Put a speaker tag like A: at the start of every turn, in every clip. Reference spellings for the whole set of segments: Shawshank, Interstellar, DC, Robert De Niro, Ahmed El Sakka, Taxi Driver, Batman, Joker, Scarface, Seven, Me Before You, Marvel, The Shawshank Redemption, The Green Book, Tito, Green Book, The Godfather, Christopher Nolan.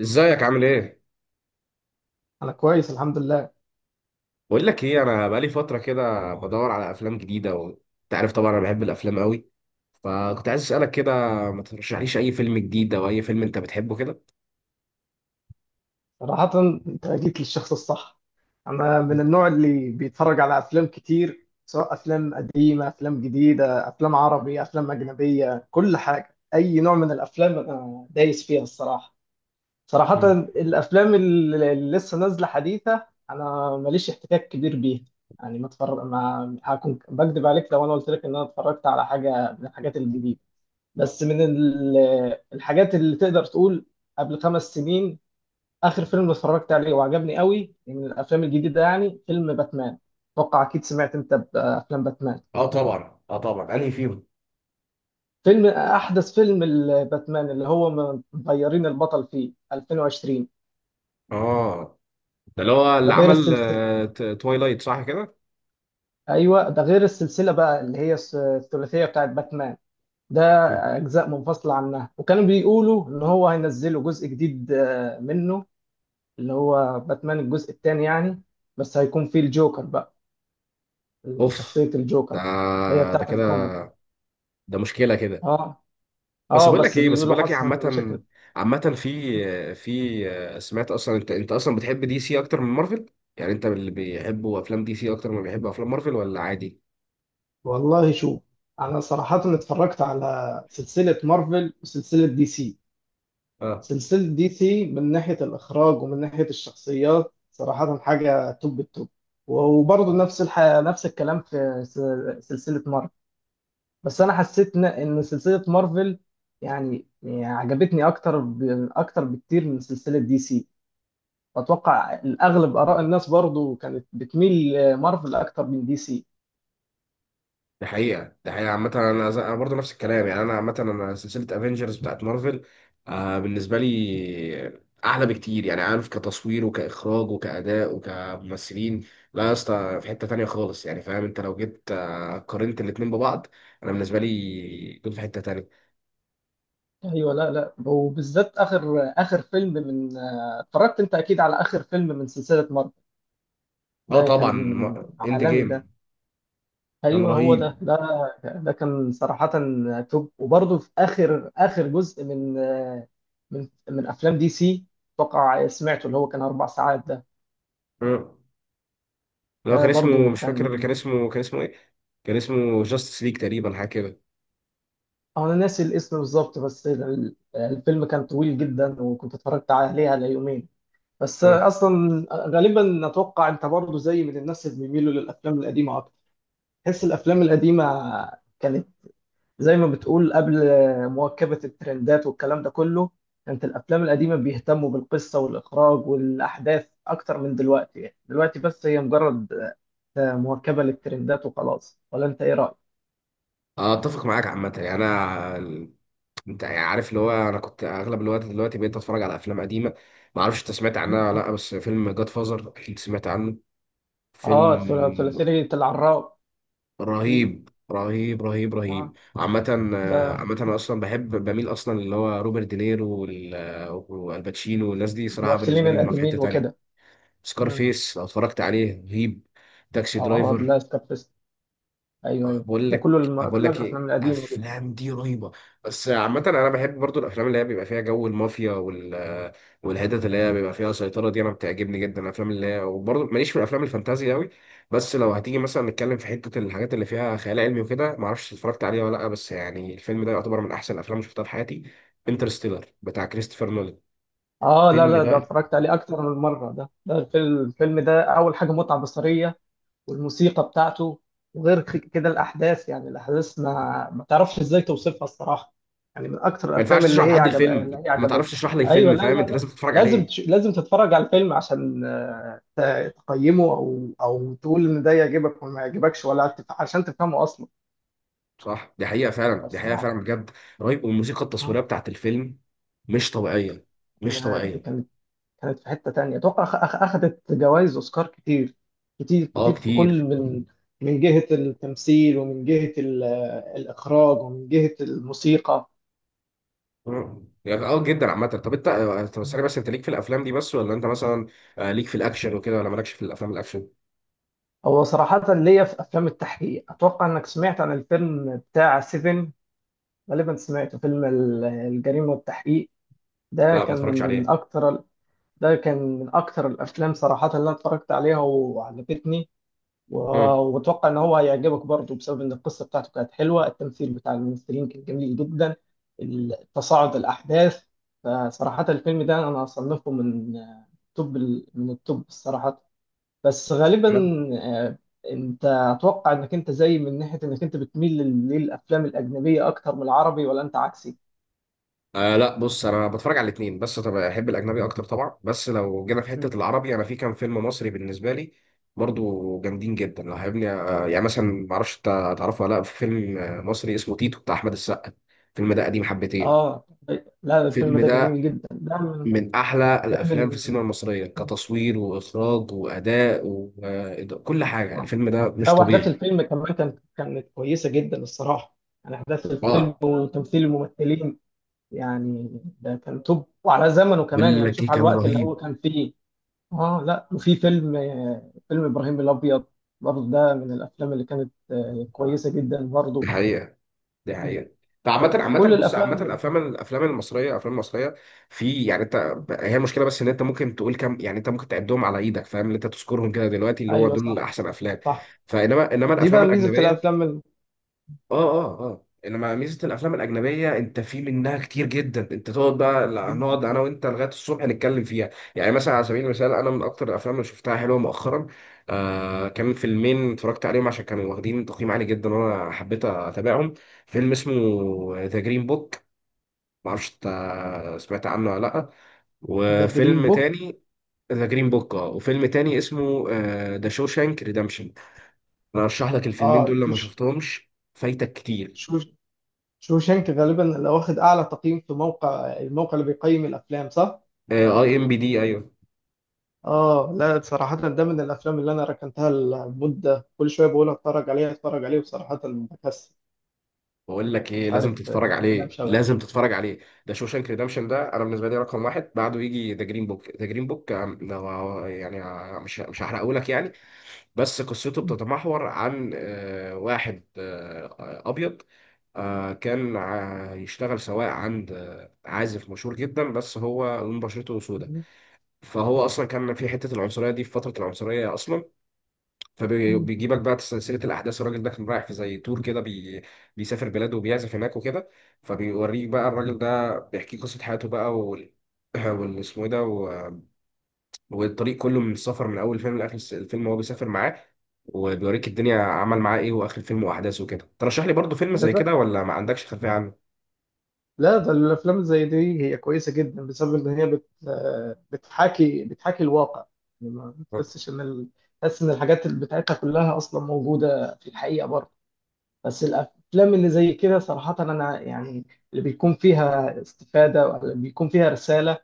A: ازيك عامل ايه؟
B: أنا كويس الحمد لله.
A: بقول لك ايه، انا بقالي فترة كده بدور على افلام جديدة، وانت عارف طبعا انا بحب الافلام قوي، فكنت عايز اسالك كده، ما ترشحليش اي فيلم جديد او اي فيلم انت بتحبه كده؟
B: صراحة أنت جيت للشخص الصح. أنا من النوع اللي بيتفرج على أفلام كتير، سواء أفلام قديمة، أفلام جديدة، أفلام عربي، أفلام أجنبية، كل حاجة، أي نوع من الأفلام أنا دايس فيها الصراحة. صراحة
A: مم.
B: الأفلام اللي لسه نازلة حديثة أنا ماليش احتكاك كبير بيها. يعني ما اتفرج، ما هكون بكذب عليك لو أنا قلت لك إن أنا اتفرجت على حاجة من الحاجات الجديدة. بس من ال- الحاجات اللي تقدر تقول، قبل 5 سنين اخر فيلم اتفرجت عليه وعجبني قوي من الافلام الجديده يعني فيلم باتمان. اتوقع اكيد سمعت انت بافلام باتمان.
A: اه طبعا، اه طبعا، انهي فيهم؟
B: فيلم احدث فيلم الباتمان اللي هو مغيرين البطل فيه 2020.
A: اه، ده اللي هو
B: ده
A: اللي
B: غير
A: عمل
B: السلسله.
A: توايلايت، صح كده؟
B: ايوه ده غير السلسله بقى اللي هي الثلاثيه بتاعت باتمان. ده
A: مم.
B: اجزاء منفصله عنها، وكانوا بيقولوا ان هو هينزلوا جزء جديد منه، اللي هو باتمان الجزء الثاني يعني. بس هيكون فيه الجوكر بقى،
A: اوف.
B: شخصيه
A: ده
B: الجوكر اللي هي
A: ده
B: بتاعت الكوميك.
A: كده، ده مشكلة كده.
B: اه.
A: بس
B: اه
A: بقول لك
B: بس
A: ايه بس
B: بيقولوا
A: بقول لك ايه
B: حصلت
A: عامة،
B: مشاكل.
A: عامة، في سمعت اصلا، انت اصلا بتحب دي سي اكتر من مارفل؟ يعني انت اللي بيحبوا افلام دي سي اكتر ما بيحبوا افلام مارفل ولا عادي؟
B: والله شوف، انا صراحة اتفرجت على سلسلة مارفل وسلسلة دي سي.
A: اه.
B: سلسلة دي سي من ناحية الاخراج ومن ناحية الشخصيات صراحة حاجة توب التوب. وبرضه نفس الكلام في سلسلة مارفل. بس انا حسيت إن سلسلة مارفل، يعني عجبتني اكتر بكتير من سلسلة دي سي. واتوقع الاغلب اراء الناس برضه كانت بتميل مارفل اكتر من دي سي.
A: ده حقيقة عامة، أنا برضه نفس الكلام، يعني أنا عامة أنا سلسلة أفينجرز بتاعت مارفل، بالنسبة لي أحلى بكتير، يعني عارف، كتصوير وكإخراج وكأداء وكممثلين، لا يا اسطى، في حتة تانية خالص، يعني فاهم، أنت لو جيت قارنت الاتنين ببعض، أنا بالنسبة لي دول في حتة تانية.
B: ايوه، لا وبالذات اخر فيلم من اتفرجت انت اكيد على اخر فيلم من سلسله مارفل.
A: اه
B: ده
A: طبعا،
B: كان
A: اند
B: عالمي ده.
A: جيم. كان
B: ايوه هو ده
A: رهيب.
B: ده كان صراحه توب. وبرضه في اخر جزء من من افلام دي سي، اتوقع سمعته اللي هو كان 4 ساعات ده.
A: آه. لو
B: ده
A: كان اسمه
B: برضه
A: مش فاكر،
B: كان،
A: اللي كان اسمه ايه؟ كان اسمه جاستس ليج تقريبا، حاجه كده.
B: انا ناسي الاسم بالظبط. الفيلم كان طويل جدا، وكنت اتفرجت عليه على يومين. بس
A: آه.
B: اصلا غالبا اتوقع انت برضه زي من الناس اللي بيميلوا للافلام القديمه اكتر. تحس الافلام القديمه كانت زي ما بتقول قبل مواكبه الترندات والكلام ده كله. كانت الافلام القديمه بيهتموا بالقصه والاخراج والاحداث اكتر من دلوقتي، يعني دلوقتي بس هي مجرد مواكبه للترندات وخلاص، ولا انت ايه رايك؟
A: اتفق معاك عامه، يعني انا انت يعني عارف اللي هو انا كنت اغلب الوقت، دلوقتي بقيت اتفرج على افلام قديمه، ما اعرفش انت سمعت عنها ولا لا، بس فيلم جاد فازر اكيد سمعت عنه. فيلم
B: اه، ثلاثيه العراب. في،
A: رهيب رهيب رهيب
B: اه،
A: رهيب، عامة
B: ده
A: عامة أنا أصلا بحب بميل أصلا اللي هو روبرت دينيرو والباتشينو والناس دي، صراحة
B: الممثلين
A: بالنسبة لي هم في حتة
B: القديمين
A: تانية.
B: وكده. مم.
A: سكارفيس لو اتفرجت عليه رهيب. تاكسي
B: اه
A: درايفر.
B: لا. ايوه ايوه
A: بقول
B: ده
A: لك
B: كله
A: بقول
B: كل
A: لك ايه،
B: الافلام القديمه دي.
A: الافلام دي رهيبه. بس عامه انا بحب برضو الافلام اللي هي بيبقى فيها جو المافيا، والحتت اللي هي بيبقى فيها سيطره دي انا بتعجبني جدا، الافلام اللي هي وبرضو ماليش في الافلام الفانتازي قوي. بس لو هتيجي مثلا نتكلم في حته الحاجات اللي فيها خيال علمي وكده، ما اعرفش اتفرجت عليها ولا لا، بس يعني الفيلم ده يعتبر من احسن الافلام اللي شفتها في حياتي، انترستيلر بتاع كريستوفر نولان.
B: اه لا
A: الفيلم
B: لا ده
A: ده
B: اتفرجت عليه اكتر من مره. ده الفيلم، الفيلم ده اول حاجه متعه بصريه، والموسيقى بتاعته، وغير كده الاحداث، يعني الاحداث ما تعرفش ازاي توصفها الصراحه. يعني من اكتر
A: ما ينفعش
B: الافلام اللي
A: تشرح
B: هي
A: لحد
B: عجب اللي
A: الفيلم،
B: هي
A: ما تعرفش
B: عجبتني.
A: تشرح لي
B: ايوه
A: الفيلم،
B: لا
A: فاهم،
B: لا
A: انت
B: لا
A: لازم تتفرج عليه.
B: لازم تتفرج على الفيلم عشان تقيمه او تقول ان ده يعجبك وما يعجبكش، عشان تفهمه اصلا.
A: صح، دي حقيقة فعلا، دي حقيقة
B: الصراحه،
A: فعلا، بجد رهيب، والموسيقى
B: آه،
A: التصويرية بتاعت الفيلم مش طبيعية، مش
B: لا، دي
A: طبيعية.
B: كانت، كانت في حتة تانية. اتوقع اخدت جوائز اوسكار كتير، كتير
A: اه
B: كتير، في كل
A: كتير.
B: من، من جهة التمثيل ومن جهة الاخراج ومن جهة الموسيقى.
A: مم. يعني اه جدا عامة، طب ثانية، بس انت ليك في الافلام دي بس ولا انت مثلا ليك في الاكشن وكده، ولا مالكش في الافلام الاكشن؟
B: هو صراحة ليا في افلام التحقيق، اتوقع انك سمعت عن الفيلم بتاع سيفن، غالبا سمعته، فيلم الجريمة والتحقيق. ده
A: لا ما
B: كان
A: اتفرجتش عليها.
B: من اكتر ده كان من اكتر الافلام صراحة اللي انا اتفرجت عليها وعجبتني، و-
A: مم.
B: واتوقع ان هو هيعجبك برضه بسبب ان القصه بتاعته كانت حلوه، التمثيل بتاع الممثلين كان جميل جدا، تصاعد الاحداث. فصراحه الفيلم ده انا اصنفه من، آه، توب، من التوب الصراحه. بس غالبا، آه، انت اتوقع انك انت زي من ناحيه انك انت بتميل للافلام الاجنبيه اكتر من العربي، ولا انت عكسي؟
A: لا بص، انا بتفرج على الاثنين، بس طبعا احب الاجنبي اكتر طبعا، بس لو جينا في
B: مم.
A: حته العربي انا في كام فيلم مصري بالنسبه لي برضو جامدين جدا، لو هيبني يعني مثلا، ما اعرفش انت تعرفه ولا لا، في فيلم مصري اسمه تيتو بتاع احمد السقا، الفيلم ده قديم حبتين.
B: اه لا، الفيلم
A: الفيلم
B: ده
A: ده
B: جميل جدا، ده من،
A: من احلى
B: ده
A: الافلام في
B: من
A: السينما المصريه، كتصوير واخراج واداء وكل حاجه، الفيلم ده
B: لا،
A: مش طبيعي.
B: واحداث الفيلم كمان كانت، كانت كويسه جدا الصراحه. يعني احداث الفيلم
A: اه
B: وتمثيل الممثلين يعني ده كان توب، وعلى زمنه كمان،
A: بقول
B: يعني
A: لك ايه،
B: شوف على
A: كان
B: الوقت اللي هو
A: رهيب.
B: كان فيه. اه لا، وفي فيلم، آه، فيلم ابراهيم الابيض، برضه ده من الافلام اللي كانت، آه، كويسه جدا برضه.
A: الحقيقه، دي حقيقة، ده عامة
B: كل
A: بص،
B: الافلام
A: عامة الأفلام
B: الأجنبية.
A: الأفلام المصرية، الأفلام المصرية، في يعني أنت، هي المشكلة بس إن أنت ممكن تقول كم، يعني أنت ممكن تعدهم على إيدك، فاهم، اللي أنت تذكرهم كده دلوقتي اللي هو
B: ايوه
A: دول
B: صح.
A: أحسن أفلام،
B: صح،
A: إنما
B: دي
A: الأفلام
B: بقى ميزه
A: الأجنبية،
B: الافلام
A: اه اه اه، انما ميزه الافلام الاجنبيه انت في منها كتير جدا، انت تقعد بقى، لا،
B: جدا.
A: نقعد انا وانت لغايه الصبح نتكلم فيها. يعني مثلا على سبيل المثال، انا من اكتر الافلام اللي شفتها حلوه مؤخرا، كان فيلمين اتفرجت عليهم عشان كانوا واخدين تقييم عالي جدا وانا حبيت اتابعهم، فيلم اسمه ذا جرين بوك، معرفش انت سمعت عنه ولا لا،
B: ذا جرين
A: وفيلم
B: بوك.
A: تاني، ذا جرين بوك، اه، وفيلم تاني اسمه ذا شوشانك ريدمشن، انا ارشح لك الفيلمين دول،
B: اه
A: لما
B: شوف،
A: شفتهمش فايتك كتير.
B: شوف، شوشانك غالبا اللي واخد اعلى تقييم في موقع، الموقع اللي بيقيم الافلام، صح؟
A: اي ام بي دي، ايوه.
B: اه لا، صراحة ده من الافلام اللي انا ركنتها لمدة، كل شوية بقول اتفرج عليه، اتفرج عليه، وصراحة بكسل.
A: بقول لك ايه،
B: مش
A: لازم
B: عارف، آه،
A: تتفرج
B: ده
A: عليه،
B: مشغل.
A: لازم تتفرج عليه، ده شوشانك ريدمشن ده انا بالنسبه لي رقم واحد، بعده يجي ذا جرين بوك، ذا جرين بوك يعني مش هحرقه لك يعني، بس قصته بتتمحور عن واحد ابيض، كان يشتغل سواق عند عازف مشهور جدا، بس هو لون بشرته سوداء، فهو اصلا كان في حته العنصريه دي، في فتره العنصريه اصلا، فبيجيبك بقى سلسله الاحداث، الراجل ده كان رايح في زي تور كده، بيسافر بلاده وبيعزف هناك وكده، فبيوريك بقى الراجل ده بيحكي قصه حياته بقى، اسمه ايه ده والطريق كله من السفر، من اول فيلم لاخر الفيلم وهو بيسافر معاه، وبيوريك الدنيا عمل معاه ايه، واخر الفيلم واحداثه كده، ترشح لي برضه فيلم
B: لا
A: زي
B: ده،
A: كده ولا ما عندكش خلفيه عنه؟
B: لا، ده الافلام زي دي هي كويسة جدا بسبب ان هي بت آه، بتحاكي، بتحاكي الواقع. يعني ما بتحسش ان تحس ان الحاجات بتاعتها كلها اصلا موجودة في الحقيقة برضه. بس الافلام اللي زي كده صراحه انا يعني، اللي بيكون فيها استفاده ولا بيكون فيها رساله،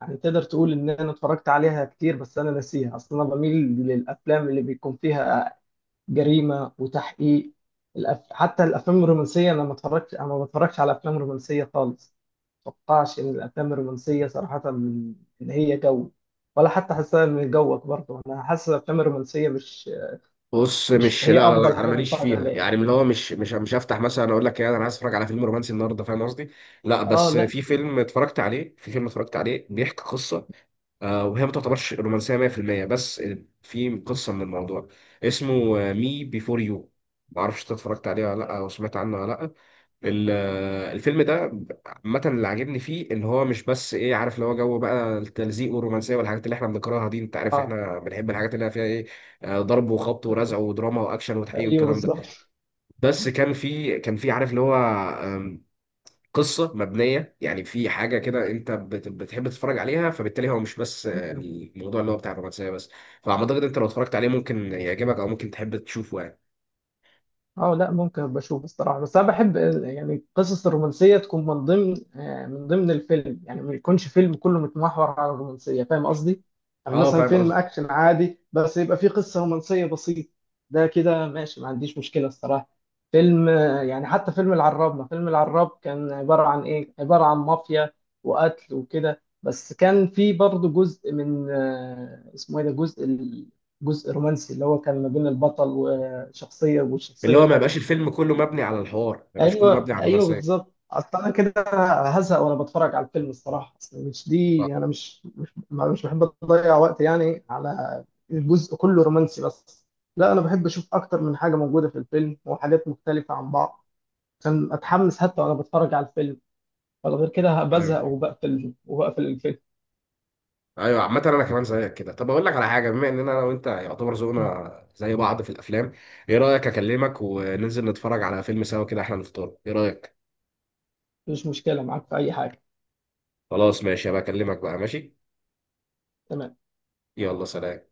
B: يعني تقدر تقول ان انا اتفرجت عليها كتير بس انا ناسيها اصلا. انا بميل للافلام اللي بيكون فيها جريمه وتحقيق. حتى الافلام الرومانسيه انا ما اتفرجتش، انا ما بتفرجش على افلام رومانسيه خالص. ما اتوقعش ان الافلام الرومانسيه صراحه ان هي جو، ولا حتى حاسسها من جوك برضه. انا حاسس الافلام الرومانسيه مش،
A: بص،
B: مش
A: مش لا
B: هي
A: لا
B: افضل
A: لا، انا
B: حاجه
A: ماليش
B: نتفرج
A: فيها،
B: عليها.
A: يعني اللي هو مش هفتح مثلا اقول لك ايه انا عايز اتفرج على فيلم رومانسي النهارده، فاهم قصدي. لا
B: اه
A: بس
B: لا.
A: في فيلم اتفرجت عليه بيحكي قصه، وهي ما تعتبرش رومانسيه 100% بس، في قصه من الموضوع، اسمه مي بيفور يو، ما اعرفش انت اتفرجت عليه ولا لا او سمعت عنه ولا لا، ال- الفيلم ده عامة اللي عاجبني فيه ان هو مش بس ايه، عارف اللي هو جو بقى التلزيق والرومانسية والحاجات اللي احنا بنكرهها دي، انت عارف
B: اه
A: احنا بنحب الحاجات اللي فيها ايه، ضرب وخبط ورزع ودراما واكشن وتحقيق
B: ايوه
A: والكلام ده،
B: بالظبط.
A: بس كان في عارف اللي هو آم، قصة مبنية، يعني في حاجة كده انت بتحب تتفرج عليها، فبالتالي هو مش بس
B: مم.
A: الموضوع اللي هو بتاع الرومانسية بس، فاعتقد انت لو اتفرجت عليه ممكن يعجبك او ممكن تحب تشوفه يعني.
B: اه لا ممكن ابقى اشوف الصراحه، بس انا بحب يعني القصص الرومانسيه تكون من ضمن، آه، من ضمن الفيلم، يعني ما يكونش فيلم كله متمحور على الرومانسيه، فاهم قصدي؟ يعني
A: اه
B: مثلا
A: فاهم
B: فيلم
A: قصدك،
B: اكشن عادي بس يبقى فيه قصه رومانسيه بسيطه، ده كده ماشي، ما عنديش مشكله الصراحه. فيلم، آه، يعني حتى فيلم العراب، ما فيلم العراب كان عباره عن ايه؟ عباره عن مافيا وقتل وكده، بس كان فيه برضه جزء من، آه، اسمه ايه ده، جزء جزء رومانسي اللي هو كان ما بين البطل، شخصيه
A: اللي
B: وشخصيه
A: هو ما
B: تانية.
A: يبقاش الفيلم كله مبني على الحوار، ما يبقاش كله مبني
B: ايوه
A: على
B: ايوه
A: الرومانسية.
B: بالظبط، اصل انا كده هزهق وانا بتفرج على الفيلم الصراحه. اصل مش دي، انا مش بحب اضيع وقت يعني على الجزء كله رومانسي بس. لا انا بحب اشوف اكتر من حاجه موجوده في الفيلم، وحاجات مختلفه عن بعض، عشان اتحمس حتى وانا بتفرج على الفيلم، ولا غير كده
A: ايوه
B: بزهق وبقفل الفيلم.
A: ايوه، عامة انا كمان زيك كده، طب اقول لك على حاجة، بما اننا انا وانت يعتبر
B: مم.
A: ذوقنا زي بعض في الافلام، ايه رأيك اكلمك وننزل نتفرج على فيلم سوا كده احنا نفطر، ايه رأيك؟
B: مش مشكله معاك في اي حاجه.
A: خلاص ماشي، هبقى اكلمك بقى، ماشي.
B: تمام.
A: يلا سلام.